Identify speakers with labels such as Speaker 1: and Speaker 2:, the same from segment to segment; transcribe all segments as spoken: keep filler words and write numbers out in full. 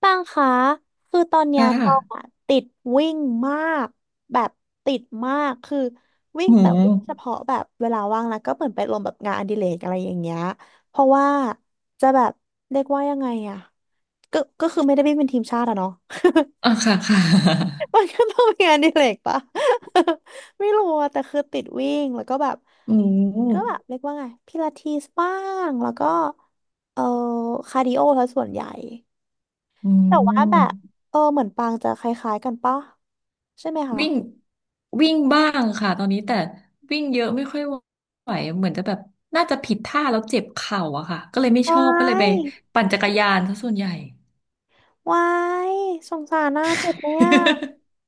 Speaker 1: ปังคะคือตอน
Speaker 2: ค
Speaker 1: เนี้ยตอง
Speaker 2: ่ะ
Speaker 1: อะติดวิ่งมากแบบติดมากคือวิ่ง
Speaker 2: โหมู
Speaker 1: แต่วิ่งเฉพาะแบบเวลาว่างแล้วก็เหมือนไปลงแบบงานอดิเรกอะไรอย่างเงี้ยเพราะว่าจะแบบเรียกว่ายังไงอะก็ก็คือไม่ได้วิ่งเป็นทีมชาติอะเนาะ
Speaker 2: อ่ะค่ะค่ะ
Speaker 1: มันก็ต้องมีงานอดิเรกปะ ไม่รู้อะแต่คือติดวิ่งแล้วก็แบบ
Speaker 2: หมู
Speaker 1: ก็แบบเรียกว่าไงพิลาทิสบ้างแล้วก็เออคาร์ดิโอซะส่วนใหญ่
Speaker 2: อื
Speaker 1: แต่ว่าแบบ
Speaker 2: ม
Speaker 1: เออเหมือนปางจะคล้ายๆกันปะใช่ไหมคะ
Speaker 2: วิ่งวิ่งบ้างค่ะตอนนี้แต่วิ่งเยอะไม่ค่อยไหวเหมือนจะแบบน่าจะผิดท่าแล้วเจ็บเข่าอะค่ะก็เลยไม่ช
Speaker 1: วา
Speaker 2: อบก็เลยไป
Speaker 1: ย
Speaker 2: ปั่นจักรยานซะส่วนใหญ่
Speaker 1: วายสงสารน่าเจ็บเนี่ย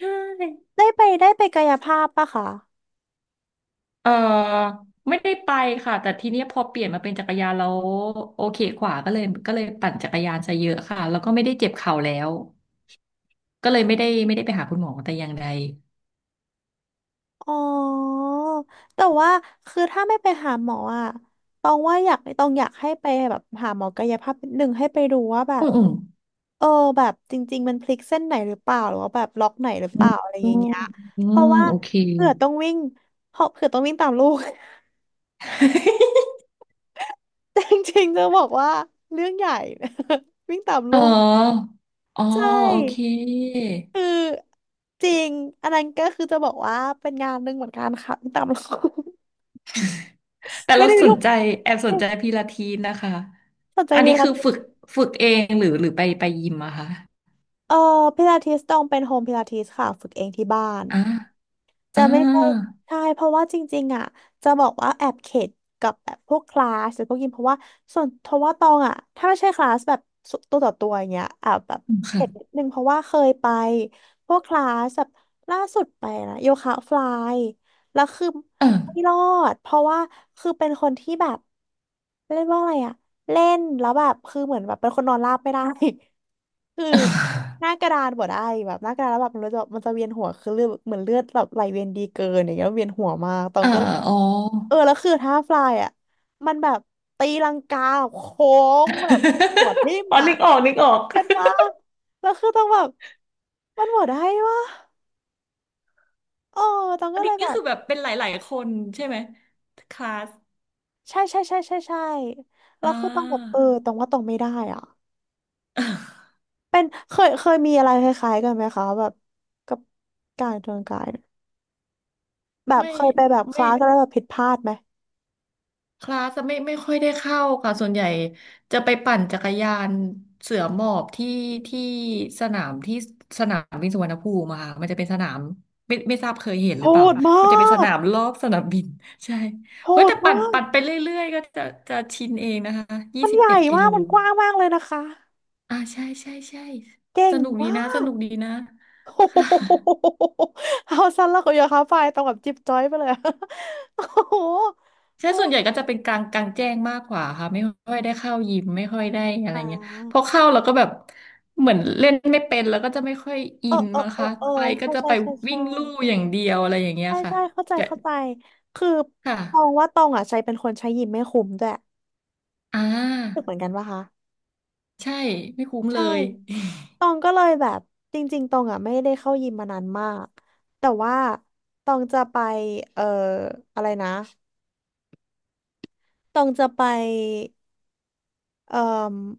Speaker 2: ใช่
Speaker 1: ได้ไปได้ไปกายภาพปะคะ
Speaker 2: เออไม่ได้ไปค่ะแต่ทีเนี้ยพอเปลี่ยนมาเป็นจักรยานแล้วโอเคกว่าก็เลยก็เลยปั่นจักรยานซะเยอะค่ะแล้วก็ไม่ได้เจ็บเข่าแล้วก็เลยไม่ได้ไม่ได้ไปหาคุณหมอแต่อย่างใด
Speaker 1: อ๋อแต่ว่าคือถ้าไม่ไปหาหมออ่ะตองว่าอยากตองอยากให้ไปแบบหาหมอกายภาพนิดนึงให้ไปดูว่าแบ
Speaker 2: อื
Speaker 1: บ
Speaker 2: มอืม
Speaker 1: เออแบบจริงๆมันพลิกเส้นไหนหรือเปล่าหรือว่าแบบล็อกไหนหรือเป
Speaker 2: อื
Speaker 1: ล่า
Speaker 2: ม
Speaker 1: อะไรอย่างเงี้ย
Speaker 2: อื
Speaker 1: เพ
Speaker 2: ม
Speaker 1: ราะว่า
Speaker 2: โอเค
Speaker 1: เผื่อต้องวิ่งเพราะเผื่อต้องวิ่งตามลูก แต่ จริงๆจะบอกว่าเรื่องใหญ่ วิ่งตาม
Speaker 2: อ๋
Speaker 1: ลูก
Speaker 2: ออ๋อ
Speaker 1: ใช
Speaker 2: โอเค
Speaker 1: ่คือจริงอันนั้นก็คือจะบอกว่าเป็นงานหนึ่งเหมือนกันค่ะวิ่งตามลูก
Speaker 2: แต่
Speaker 1: ไม่
Speaker 2: เรา
Speaker 1: ได้
Speaker 2: ส
Speaker 1: ลู
Speaker 2: น
Speaker 1: ก
Speaker 2: ใจแอบสน
Speaker 1: ไม่
Speaker 2: ใจพิลาทิสนะคะ
Speaker 1: สนใจ
Speaker 2: อัน
Speaker 1: พิ
Speaker 2: นี้
Speaker 1: ลา
Speaker 2: คือ
Speaker 1: ทิ
Speaker 2: ฝึก
Speaker 1: ส
Speaker 2: ฝึกเองหรือหรือไปไปยิมอะคะ
Speaker 1: เออพิลาทิสต้องเป็นโฮมพิลาทิสค่ะฝึกเองที่บ้าน
Speaker 2: อ่า
Speaker 1: จะ
Speaker 2: อ่า
Speaker 1: ไม่ใช่ใช่เพราะว่าจริงๆอ่ะจะบอกว่าแอบเข็ดกับแบบพวกคลาสหรือพวกยิมเพราะว่าส่วนเพราะว่าตองอ่ะถ้าไม่ใช่คลาสแบบสุตัวต่อตัวอย่างเงี้ยแอบแบบ
Speaker 2: อืมค่ะ
Speaker 1: เข็ดนิดนึงเพราะว่าเคยไปพวกคลาสแบบล่าสุดไปนะโยคะฟลายแล้วคือ
Speaker 2: เอ
Speaker 1: ไม่ร
Speaker 2: อ
Speaker 1: อดเพราะว่าคือเป็นคนที่แบบเรียกว่าอะไรอะเล่นแล้วแบบคือเหมือนแบบเป็นคนนอนราบไม่ได้ คือหน้า กระดานบ่ได้แบบหน้ากระดานแล้วแบบมันจะมันจะเวียนหัวคือเลือดเหมือนเลือดแบบไหลเวียนดีเกินอย่างเงี้ยเวียนหัวมากตอ
Speaker 2: เอ
Speaker 1: ง
Speaker 2: อ
Speaker 1: ก็เล
Speaker 2: เอ
Speaker 1: ย
Speaker 2: ออ๋อ
Speaker 1: เออแล้วคือท่าฟลายอะมันแบบตีลังกาโค้งแบบหัวทิ่ม
Speaker 2: อ๋อ
Speaker 1: อะ
Speaker 2: นึกออกนึกออก
Speaker 1: เก็ตปะแล้วคือต้องแบบมันหมดได้ปะเออตอง
Speaker 2: อั
Speaker 1: ก็
Speaker 2: น
Speaker 1: เล
Speaker 2: นี้
Speaker 1: ยแบ
Speaker 2: ก็
Speaker 1: บ
Speaker 2: คือแบบเป็นหลายๆคนใช่ไหมคลาส
Speaker 1: ใช่ใช่ใช่ใช่ใช่แล้
Speaker 2: อ่
Speaker 1: วคือต้องแบบเอ
Speaker 2: า
Speaker 1: อตรงว่าตรงไม่ได้อ่ะ เป็นเคยเคยมีอะไรคล้ายๆกันไหมคะแบบกับการเตรียมกายเนี่ยแบบ
Speaker 2: ไม่
Speaker 1: เคยไปแบบค
Speaker 2: ไม่
Speaker 1: ลาสแล้วแบบผิดพลาดไหม
Speaker 2: คลาสไม่ไม่ค่อยได้เข้าค่ะส่วนใหญ่จะไปปั่นจักรยานเสือหมอบที่ที่สนามที่สนามบินสุวรรณภูมิอะค่ะมันจะเป็นสนามไม่ไม่ทราบเคยเห็นห
Speaker 1: โห
Speaker 2: รือเปล่า
Speaker 1: ดมา
Speaker 2: มันจะเป็นส
Speaker 1: ก
Speaker 2: นามรอบสนามบิน ใช่
Speaker 1: โห
Speaker 2: เฮ้ย
Speaker 1: ด
Speaker 2: แต่ปั่น
Speaker 1: มาก
Speaker 2: ปั่นไปเรื่อยๆก็จะจะชินเองนะคะยี่
Speaker 1: มัน
Speaker 2: สิบ
Speaker 1: ใหญ่
Speaker 2: เอ็ดกิ
Speaker 1: มา
Speaker 2: โล
Speaker 1: กมันกว้างมากเลยนะคะ
Speaker 2: อ่าใช่ใช่ใช่
Speaker 1: เก่
Speaker 2: ส
Speaker 1: ง
Speaker 2: นุกดี
Speaker 1: มา
Speaker 2: นะส
Speaker 1: ก
Speaker 2: นุกดีนะ
Speaker 1: โอ้โห
Speaker 2: ค่ะ
Speaker 1: เอาสั้นแล้วก็อย่าค้าไฟต้องแบบจิ๊บจ้อยไปเลยอะ โอ้โห
Speaker 2: ใช่
Speaker 1: โอ้
Speaker 2: ส่วนใหญ่ก็จะเป็นกลางกลางแจ้งมากกว่าค่ะไม่ค่อยได้เข้ายิมไม่ค่อยได้อะไร
Speaker 1: อ่
Speaker 2: เงี้ยพอ
Speaker 1: า
Speaker 2: เข้าเราก็แบบเหมือนเล่นไม่เป็นแล้วก็จะไม่ค่อยอิ
Speaker 1: เออ
Speaker 2: น
Speaker 1: เออ
Speaker 2: มั้ง
Speaker 1: เออ
Speaker 2: คะ
Speaker 1: เออ
Speaker 2: ไปก็
Speaker 1: ใช่
Speaker 2: จะ
Speaker 1: ใช่
Speaker 2: ไป
Speaker 1: ใช่
Speaker 2: วิ่
Speaker 1: ใช่
Speaker 2: งลู่อย่างเดียวอะไรอย่างเงี้ย
Speaker 1: ใช่
Speaker 2: ค่ะ
Speaker 1: ใช่เข้าใจ
Speaker 2: แต่
Speaker 1: เข้าใจคือ
Speaker 2: ค่ะ
Speaker 1: ตองว่าตองอ่ะใจเป็นคนใช้ยิ้มไม่คุ้มด้วย
Speaker 2: อ่
Speaker 1: รู้สึก
Speaker 2: า
Speaker 1: เหมือนกันปะคะ
Speaker 2: ใช่ไม่คุ้มเล
Speaker 1: ใช่
Speaker 2: ย
Speaker 1: ตองก็เลยแบบจริงๆตองอ่ะไม่ได้เข้ายิมมานานมาก แต่ว่าตองจะไปเอ่ออะไรนะตองจะไปเอ่อ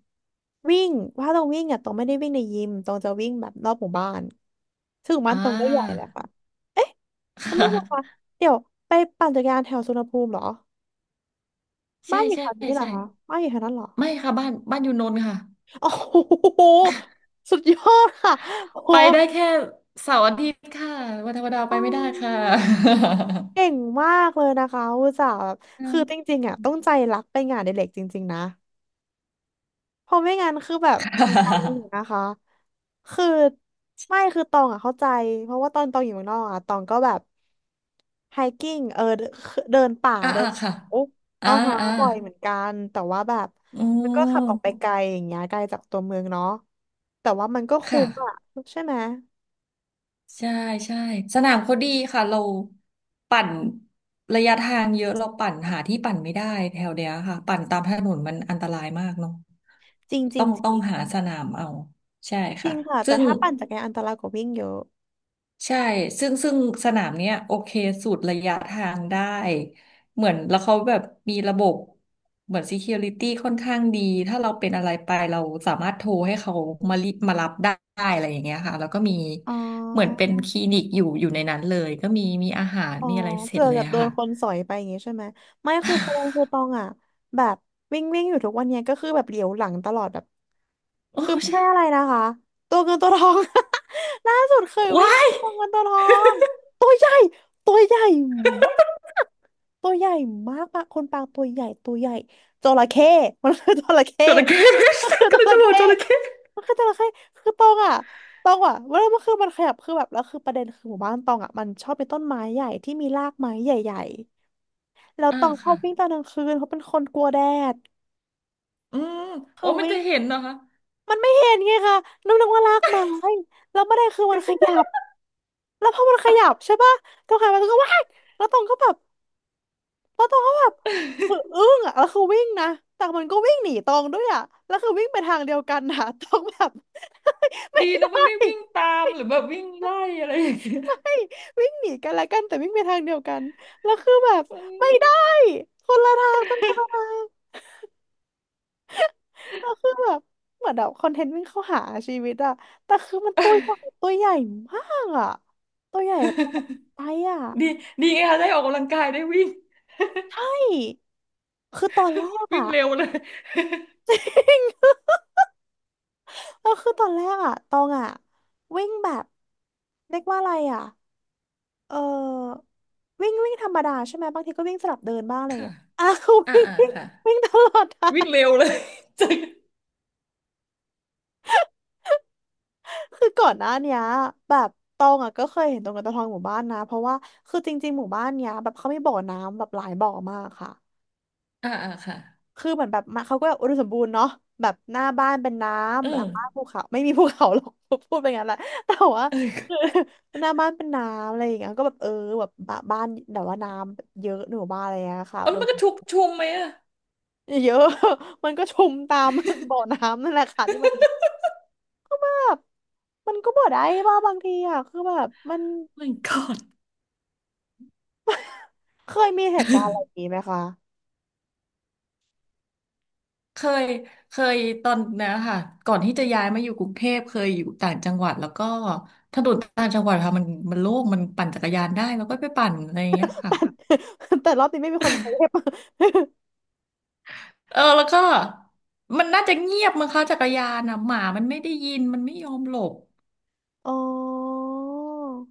Speaker 1: วิ่ง ว่าตองวิ่งอ่ะตองไม่ได้วิ่งในยิมตองจะวิ่งแบบรอบหมู่บ้านซึ่งหมู่
Speaker 2: อ่
Speaker 1: บ้านตองก็ใหญ่แหละ
Speaker 2: า
Speaker 1: ค่ะเอ๊ะ ไม่
Speaker 2: ค่ะ
Speaker 1: ใช่ค่ะเดี๋ยวไปปั่นจักรยานแถวสุวรรณภูมิเหรอ
Speaker 2: ใช่
Speaker 1: บ้านอยู่
Speaker 2: ใช่
Speaker 1: แถวนี้เหรอ
Speaker 2: ใช่
Speaker 1: คะบ้านอยู่แถวนั้นเหรอ
Speaker 2: ไม่ค่ะบ้านบ้านอยู่นนท์ค่ะ
Speaker 1: โอ้โหสุดยอดค่ะโอ้โห
Speaker 2: ไปได้แค่เสาร์อาทิตย์ค่ะวันธรรมดาไป
Speaker 1: อ๋อ
Speaker 2: ไม่ได้ค่ะ
Speaker 1: เก่งมากเลยนะคะอุตส่าห์แบบคือจริงๆอ่ะต้องใจรักไปงานอดิเรกจริงๆนะเพราะไม่งั้นคือแบบ
Speaker 2: ค่
Speaker 1: มันตันอยู่
Speaker 2: ะ
Speaker 1: นะคะคือไม่คือตองอ่ะเข้าใจเพราะว่าตอนตองอยู่เมืองนอกอ่ะตองก็แบบไฮกิ้งเออเดินเดินป่า
Speaker 2: อ่า
Speaker 1: เดิ
Speaker 2: อ่า
Speaker 1: น
Speaker 2: ค่ะ
Speaker 1: โอ้อ๋
Speaker 2: อ่า
Speaker 1: อฮะ
Speaker 2: อ่า
Speaker 1: บ่อยเหมือนกันแต่ว่าแบบ
Speaker 2: อื
Speaker 1: มันก็ขับออกไป
Speaker 2: ม
Speaker 1: ไกลอย่างเงี้ยไกลจากตัวเมืองเนาะแต่ว่ามันก็คุ้
Speaker 2: ค่ะ
Speaker 1: มอ่ะใช่ไหม
Speaker 2: ใช่ใช่สนามเขาดีค่ะเราปั่นระยะทางเยอะเราปั่นหาที่ปั่นไม่ได้แถวเดียวค่ะปั่นตามถนนมันอันตรายมากเนาะ
Speaker 1: จริงจริ
Speaker 2: ต้อ
Speaker 1: ง
Speaker 2: ง
Speaker 1: จ
Speaker 2: ต้อ
Speaker 1: ริ
Speaker 2: ง
Speaker 1: ง
Speaker 2: หาสนามเอา ใช่
Speaker 1: จ
Speaker 2: ค่ะ
Speaker 1: ริงค่ะ
Speaker 2: ซึ่
Speaker 1: แต่
Speaker 2: ง
Speaker 1: ถ้าปั่นจักรยานอันตรายกว่าวิ่งเยอะ
Speaker 2: ใช่ ซึ่งซึ่งสนามเนี้ยโอเคสูตรระยะทางได้ เหมือนแล้วเขาแบบมีระบบเหมือน security ค่อนข้างดี ถ้าเราเป็นอะไรไปเราสามารถโทรให้เขามารีมารับได้อะไรอย่างเงี้ยค่ะ แล้วก็มี
Speaker 1: อ๋
Speaker 2: เหมือน
Speaker 1: อ
Speaker 2: เป็นคลินิกอยู่อยู่ในนั้นเลย ก็มีมีอาหาร
Speaker 1: อ๋อ
Speaker 2: มีอะไรเสร็
Speaker 1: เผื่
Speaker 2: จ
Speaker 1: อ
Speaker 2: เล
Speaker 1: แบ
Speaker 2: ย
Speaker 1: บ
Speaker 2: อะ
Speaker 1: โดน
Speaker 2: ค่ะ
Speaker 1: คนสอยไปอย่างงี้ใช่ไหมไม่คือพงคือตอ งอ่ะแบบวิ่งวิ่งอยู่ทุกวันเนี้ยก็คือแบบเหลียวหลังตลอดแบบ
Speaker 2: โอ้
Speaker 1: คือไม่ใช่
Speaker 2: ใช่
Speaker 1: อะไรนะคะตัวเงินตัวทอง ล่าสุดเคยวิ่ง
Speaker 2: ว้าย
Speaker 1: ตัวเงินตัวทองตัวใหญ่ตัวใหญ่ ตัวใหญ่มากปะคนปางตัวใหญ่ตัวใหญ่จระเข้ มันคือจระเข้
Speaker 2: จระเข้
Speaker 1: มันคื อ
Speaker 2: ก็
Speaker 1: จระ
Speaker 2: เลย
Speaker 1: เข
Speaker 2: จะบอก
Speaker 1: ้
Speaker 2: จระเข้
Speaker 1: มันคือจระเข้คือตองอ่ะตองอ่ะเวลามันคือมันขยับคือแบบแล้วคือประเด็นคือหมู่บ้านตองอ่ะมันชอบเป็นต้นไม้ใหญ่ที่มีรากไม้ใหญ่ๆแล้ว
Speaker 2: อ่า
Speaker 1: ตองชอบ
Speaker 2: ค่ะ
Speaker 1: วิ่งตอนกลางคืนเพราะเป็นคนกลัวแดด
Speaker 2: อืมโอ้
Speaker 1: คือ
Speaker 2: มัน
Speaker 1: วิ่
Speaker 2: จะ
Speaker 1: ง
Speaker 2: เห็นเหรอคะ
Speaker 1: มันไม่เห็นไงคะนึกนึกว่ารากไม้แล้วไม่ได้คือมันขยับแล้วพอมันขยับใช่ปะตองหันไปตองก็ว้ายแล้วตองก็แบบ แล้วตองก็แบบคือ อึ้งอ่ะแล้วคือวิ่งนะแต่มันก็วิ่งหนีตองด้วยอ่ะแล้วคือวิ่งไปทางเดียวกันนะ ตองแบบ ไม่
Speaker 2: ดีนะ
Speaker 1: ได้
Speaker 2: มันไม่วิ่งตามหรือแบบวิ่งไล่อะไรอย่างเงี้ย
Speaker 1: ไม่วิ่งหนีกันละกันแต่วิ่งไปทางเดียวกันแล้วคือแบบ
Speaker 2: อื
Speaker 1: ไม่ได้คนละทางต้องคนละทางแล้วคือแบบเหมือนแบบคอนเทนต์วิ่งเข้าหาชีวิตอ่ะแต่คือมันตัวใหญ่ตัวใหญ่มากอ่ะตัวใหญ่แบบตัวใหญ่อะ
Speaker 2: ม ดีดีไงคะได้ออกกำลังกายได้วิ่ง
Speaker 1: ใช่คือตอนแรก
Speaker 2: วิ่
Speaker 1: อะ
Speaker 2: งเร็วเลย
Speaker 1: ก็คือตอนแรกอะตองอะวิ่งแบบเรียกว่าอะไรอะเออวิ่งวิ่งธรรมดาใช่ไหมบางทีก็วิ่งสลับเดินบ้างอะไรอย่าง
Speaker 2: ค่ะ
Speaker 1: เงี้ย อ้าว
Speaker 2: อ่า
Speaker 1: วิ่ง
Speaker 2: อ่า
Speaker 1: วิ่ง
Speaker 2: ค่ะ
Speaker 1: วิ่งตลอดทา
Speaker 2: วิ่ง
Speaker 1: ง
Speaker 2: เร็วเลยจริง
Speaker 1: คือก่อนหน้าเนี้ยแบบตองอะก็เคยเห็นตรงกันตะทองหมู่บ้านนะเพราะว่าคือจริงๆหมู่บ้านเนี้ยแบบเขามีบ่อน้ำแบบหลายบ่อมากค่ะ
Speaker 2: อ่าอ่าค่ะ
Speaker 1: คือเหมือนแบบมาเขาก็แบบอุดมสมบูรณ์เนาะแบบหน้าบ้านเป็นน้
Speaker 2: เออ
Speaker 1: ำหลังบ้านภูเขาไม่มีภูเขาหรอก พูดไปงั้นแหละแต่ว่า
Speaker 2: เอ
Speaker 1: คือ
Speaker 2: อ
Speaker 1: หน้าบ้านเป็นน้ำอะไรอย่างเงี้ยก็แบบเออแบบบ้าบ้านแต่ว่าน้ำเยอะหนูบ้านอะไรอย่างเงี้ยค่ะ
Speaker 2: เอา
Speaker 1: อุ
Speaker 2: แล้
Speaker 1: ด
Speaker 2: วมั
Speaker 1: ม
Speaker 2: นก็ชุกชุมไหมอะ
Speaker 1: เยอะ มันก็ชุมตาม บ่อน้ำนั่นแหละค่ะที่มันมี แบบมันก็บ่ได้บ้าบางทีอ่ะคือแบบมัน
Speaker 2: my god
Speaker 1: เคยมีเหตุการณ์อะไรอย่างงี้ไหมคะ
Speaker 2: เคยเคยตอนนะค่ะก่อนที่จะย้ายมาอยู่กรุงเทพเคยอยู่ต่างจังหวัดแล้วก็ถนนต่างจังหวัดค่ะมันมันโล่งมันปั่นจักรยานได้แล้วก็ไปปั่นอะไรอย่างเงี้ยค่ะ
Speaker 1: แต่ แต่รอบนี้ไม่มีคนเซฟ
Speaker 2: เออแล้วก็มันน่าจะเงียบมั้งคะจักรยานอ่ะหมามันไม่ได้ยินมันไม่ยอมหลบ
Speaker 1: อ๋อ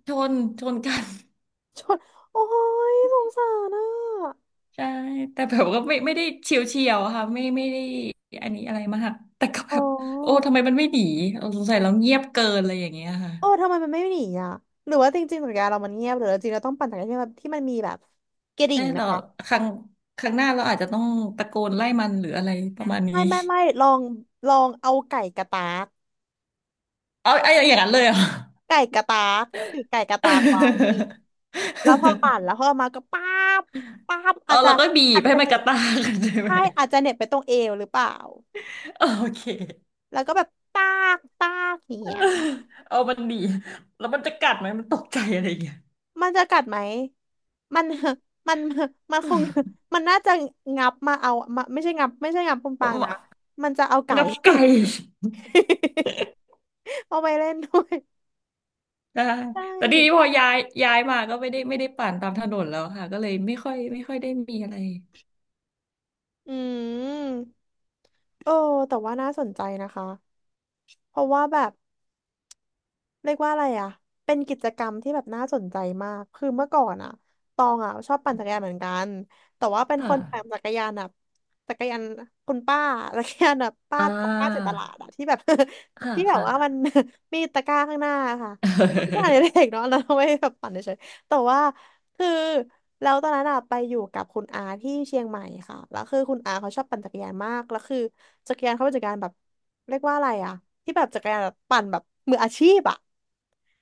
Speaker 2: ชนชนกัน
Speaker 1: ชนโอ้ยสงสารอ่ะ
Speaker 2: ใช่แต่แบบก็ไม่ไม่ได้เฉียวเฉียวค่ะไม่ไม่ได้อันนี้อะไรมากแต่ก็
Speaker 1: อ๋
Speaker 2: แบ
Speaker 1: อ
Speaker 2: บโอ้ทำไมมันไม่หนีเออสงสัยเราเงียบเกินอะไรอย่างเงี้ยค่ะ
Speaker 1: เออทำไมมันไม่หนีอ่ะ หรือว่าจริงๆสัญญาเรามันเงียบหรือจริงๆเราต้องปั่นจักรยานที่มันที่มันมีแบบกระดิ่
Speaker 2: ใช่
Speaker 1: งไหม
Speaker 2: เรา
Speaker 1: คะ
Speaker 2: ครั้งครั้งหน้าเราอาจจะต้องตะโกนไล่มันหรืออะไรประมาณนี้
Speaker 1: ไม่ไม่ไม่ลองลองเอาไก่กระตาก
Speaker 2: เอาไอ้อย่างนั้นเลยเหรอ
Speaker 1: ไก่กระตากถือไก่กระตากไว้แล้วพอปั่นแล้วพอมาก็ป้าบป้าบ
Speaker 2: เออ
Speaker 1: อาจจะ
Speaker 2: แล้วก็บี
Speaker 1: อา
Speaker 2: บ
Speaker 1: จ
Speaker 2: ให้
Speaker 1: จะ
Speaker 2: มั
Speaker 1: เห
Speaker 2: น
Speaker 1: น็
Speaker 2: กระ
Speaker 1: บ
Speaker 2: ตากกัน ใช่ไหม
Speaker 1: ใช่อาจจะเหน็บไปตรงเอวหรือเปล่า
Speaker 2: โอเค
Speaker 1: แล้วก็แบบตากตากอย่างเงี้ย
Speaker 2: เอามันหนีแล้วมันจะกัดไหมมันตกใจอะไรอย่างเงี้ย
Speaker 1: มันจะกัดไหมมัน มัน มันคง มันน่าจะงับมาเอามาไม่ใช่งับไม่ใช่งับคุณปางนะ มันจะเอาไก่
Speaker 2: งับไก่
Speaker 1: เอาไปเล่นด้วย
Speaker 2: ได้
Speaker 1: ใช่
Speaker 2: แต่ทีนี้พอย้ายย้ายมาก็ไม่ได้ไม่ได้ปั่นตามถนนแล้วค่ะก็เลยไม่ค่อยไม่ค่อยได้มีอะไร
Speaker 1: อืมโอ้แต่ว่าน่าสนใจนะคะ เพราะว่าแบบ เรียกว่าอะไรอ่ะเป็นกิจกรรมที่แบบน่าสนใจมากคือเมื่อก่อนอ่ะตองอ่ะชอบปั่นจักรยานเหมือนกันแต่ว่าเป็นค
Speaker 2: ค่ะ
Speaker 1: นปั่นจักรยานแบบจักรยานคุณป้าจักรยานแบบป้า
Speaker 2: อ่
Speaker 1: ของป้าเจากต
Speaker 2: า
Speaker 1: ลาดอ่ะที่แบบ
Speaker 2: ค่ะ
Speaker 1: ที่แบบ
Speaker 2: ค่ะ
Speaker 1: ว่ามัน มีตะกร้าข้างหน้าค่ะ ไม่ใช่เด็ก เนาะแล้วเอาไม่แบบปั่นเฉยๆแต่ว่า คือแล้วตอนนั้นอะไปอยู่กับคุณอาที่เชียงใหม่ค่ะแล้วคือคุณอาเขาชอบปั่นจักรยานมากแล้วคือจักรยานเขาเป็นจักรยานแบบเรียกว่าอะไรอะที่แบบจักรยานแบบปั่นแบบมืออาชีพอะ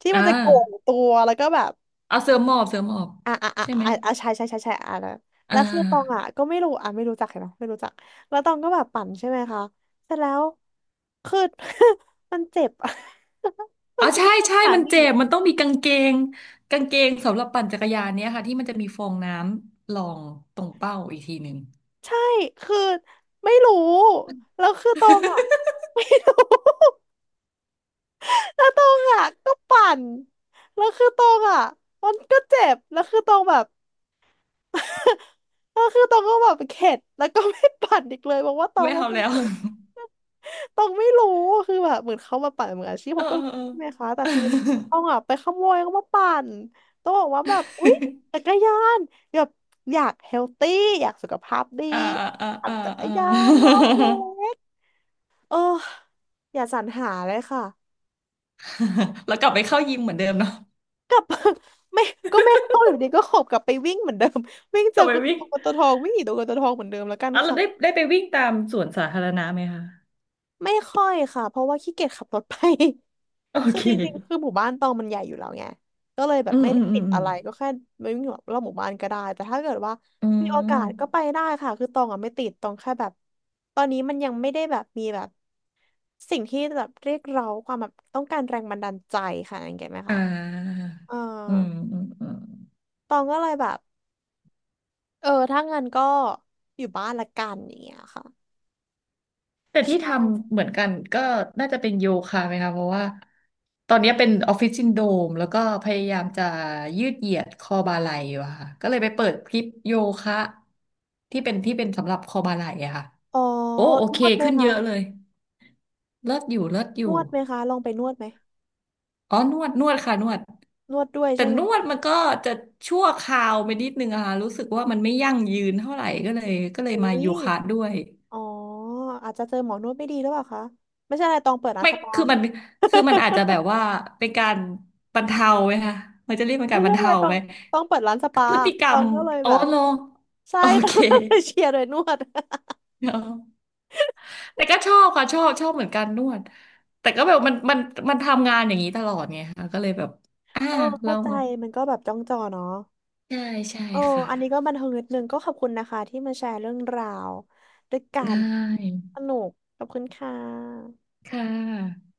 Speaker 1: ที่มั
Speaker 2: อ่า
Speaker 1: นจะโก่งตัวแล้วก็แบบ
Speaker 2: เอาเสื้อหมอบเสื้อหมอบ
Speaker 1: อ่ะอ่ะอ่ะ
Speaker 2: ใช่ไหม
Speaker 1: อ่ะอ่ะใช่ใช่ใช่ใช่อ่ะนะ
Speaker 2: อ่
Speaker 1: แล้วคือตองอะ
Speaker 2: า
Speaker 1: ก็ไม่รู้อ่ะไม่รู้จักเลยเนาะไม่รู้จักแล้วตองก็แบบปั่นใช่ไหมคะเสร็จแล้วคือ มันเจ็บอะ มั
Speaker 2: อ๋อ
Speaker 1: นเจ็
Speaker 2: ใช่
Speaker 1: บ
Speaker 2: ใช่มันเจ็บมันต้องมีกางเกงกางเกงสำหรับปั่นจักรยานเนี้ยค่ะที่มันจะมีฟองน้ำรองตรงเป้าอีกทีหนึ่ง
Speaker 1: ใช่คือไม่รู้แล้วคือตองอ่ะ ไม่รู้ แล้วตองอ่ะก็ปั่นแล้วคือตองอ่ะมันก็เจ็บแล้วคือตองแบบ แล้วคือตองก็แบบเข็ดแล้วก็ไม่ปั่นอีกเลยเพราะว่าต อง
Speaker 2: ไม่
Speaker 1: ว่า
Speaker 2: เอา
Speaker 1: มัน
Speaker 2: แล้ว
Speaker 1: เจ็บตองไม่รู้คือแบบเหมือนเขามาปั่นเหมือนอาชีพผ
Speaker 2: เออ
Speaker 1: มก็
Speaker 2: เอ
Speaker 1: รู้
Speaker 2: อเออ
Speaker 1: ใช่ไหมคะแต่คือต้องอ่ะไปขโมยเขามาปั่นต้องบอกว่าแบบอุ๊ย จักรยานแบบอยากเฮลตี้อยากสุขภาพดี
Speaker 2: อ่าอ่า
Speaker 1: ปั่น
Speaker 2: อ่า
Speaker 1: จักร
Speaker 2: อ่า
Speaker 1: ยานรอบเล็กเอออย่าสรรหาเลยค่ะ
Speaker 2: แล้วกลับไปเข้ายิมเหมือนเดิมเนาะ
Speaker 1: ไม่ก็ไม่เข้าอยู่ดีก็ขบกลับไปวิ่งเหมือนเดิม วิ่ง
Speaker 2: ก
Speaker 1: เจอ
Speaker 2: ลับ
Speaker 1: ก
Speaker 2: ไป
Speaker 1: ตัว
Speaker 2: วิ่ง
Speaker 1: กตวทองวิ่งหนีตัวกตวทองเหมือนเดิมแล้วกัน
Speaker 2: อ่ะเรา
Speaker 1: ค่ะ
Speaker 2: ได้ได้ไปวิ่งตามสวนสาธารณะไหมคะ
Speaker 1: ไม่ค่อยค่ะเพราะว่าขี้เกียจขับรถไป
Speaker 2: โอ
Speaker 1: คือ
Speaker 2: เค
Speaker 1: จริงๆคือหมู่บ้านตองมันใหญ่อยู่แล้วไงก็เลยแบ
Speaker 2: อื
Speaker 1: บ
Speaker 2: ม
Speaker 1: ไม่
Speaker 2: อื
Speaker 1: ได้
Speaker 2: มอื
Speaker 1: ติ
Speaker 2: ม
Speaker 1: ด
Speaker 2: อื
Speaker 1: อะ
Speaker 2: ม
Speaker 1: ไรก็แค่ไม่วิ่งรอบหมู่บ้านก็ได้แต่ถ้าเกิดว่า
Speaker 2: อื
Speaker 1: มีโอกา
Speaker 2: ม
Speaker 1: สก็ไปได้ค่ะคือตองอ่ะไม่ติดตองแค่แบบตอนนี้มันยังไม่ได้แบบมีแบบสิ่งที่แบบเรียกเราความแบบต้องการแรงบันดาลใจค่ะเห็นไหม
Speaker 2: อ่
Speaker 1: คะ
Speaker 2: า
Speaker 1: เออ
Speaker 2: อืมอืมอืม
Speaker 1: ตองก็เลยแบบ เออถ้างั้นก็อยู่บ้านละกันอย่างเงี้ยค่ะ
Speaker 2: แต่ที่ทำเหมือนกันก็น่าจะเป็นโยคะไหมคะเพราะว่าตอนนี้เป็นออฟฟิศซินโดรมแล้วก็พยายามจะยืดเหยียดคอบ่าไหล่อยู่อะค่ะก็เลยไปเปิดคลิปโยคะที่เป็นที่เป็นสำหรับคอบ่าไหล่อะค่ะ
Speaker 1: อ๋อ
Speaker 2: โอ้โอ
Speaker 1: น
Speaker 2: เค
Speaker 1: วดไหม
Speaker 2: ขึ้นเย
Speaker 1: คะ
Speaker 2: อะเลยเลิศอยู่เลิศอ
Speaker 1: น
Speaker 2: ยู่
Speaker 1: วดไหมคะลองไปนวดไหม
Speaker 2: อ๋อนวดนวดค่ะนวด
Speaker 1: นวดด้วย
Speaker 2: แต่
Speaker 1: ใช่ไหม
Speaker 2: นว
Speaker 1: คะ
Speaker 2: ดมันก็จะชั่วคราวไปนิดนึงอะค่ะรู้สึกว่ามันไม่ยั่งยืนเท่าไหร่ก็เลยก็เลย
Speaker 1: อุ๊
Speaker 2: มาโย
Speaker 1: ย
Speaker 2: คะด้วย
Speaker 1: อ๋ออาจจะเจอหมอนวดไม่ดีหรือเปล่าคะไม่ใช่อะไรตองเปิดร้าน
Speaker 2: ไม่
Speaker 1: สปา
Speaker 2: คือ มันคือมันอาจจะแบบว่าเป็นการบรรเทาไหมคะมันจะเรียกเป็น
Speaker 1: ไม่
Speaker 2: การบ
Speaker 1: ใช่
Speaker 2: รร
Speaker 1: อะไร
Speaker 2: เทา
Speaker 1: ตอ
Speaker 2: ไห
Speaker 1: ง
Speaker 2: ม
Speaker 1: ตองเปิดร้านส
Speaker 2: คือ
Speaker 1: ปา
Speaker 2: พฤติกร
Speaker 1: ตอ
Speaker 2: รม
Speaker 1: งก็เลย
Speaker 2: โอ้
Speaker 1: แบบ
Speaker 2: โล
Speaker 1: ใช่
Speaker 2: โอ
Speaker 1: ตอ
Speaker 2: เค
Speaker 1: งก็เลยเชียร์โดยนวด
Speaker 2: เนาะแต่ก็ชอบค่ะชอบชอบเหมือนกันนวดแต่ก็แบบมันมันมันทำงานอย่างนี้ตลอดไงค่ะก็เลยแบบอ่า
Speaker 1: โอ้เข้า
Speaker 2: เรา
Speaker 1: ใจมันก็แบบจ้องจอเนาะ
Speaker 2: ใช่ใช่
Speaker 1: โอ้
Speaker 2: ค่ะ
Speaker 1: อันนี้ก็บันเทิงนิดนึงก็ขอบคุณนะคะที่มาแชร์เรื่องราวด้วยกั
Speaker 2: ได้
Speaker 1: นสนุกขอบคุณค่ะ
Speaker 2: ค่ะ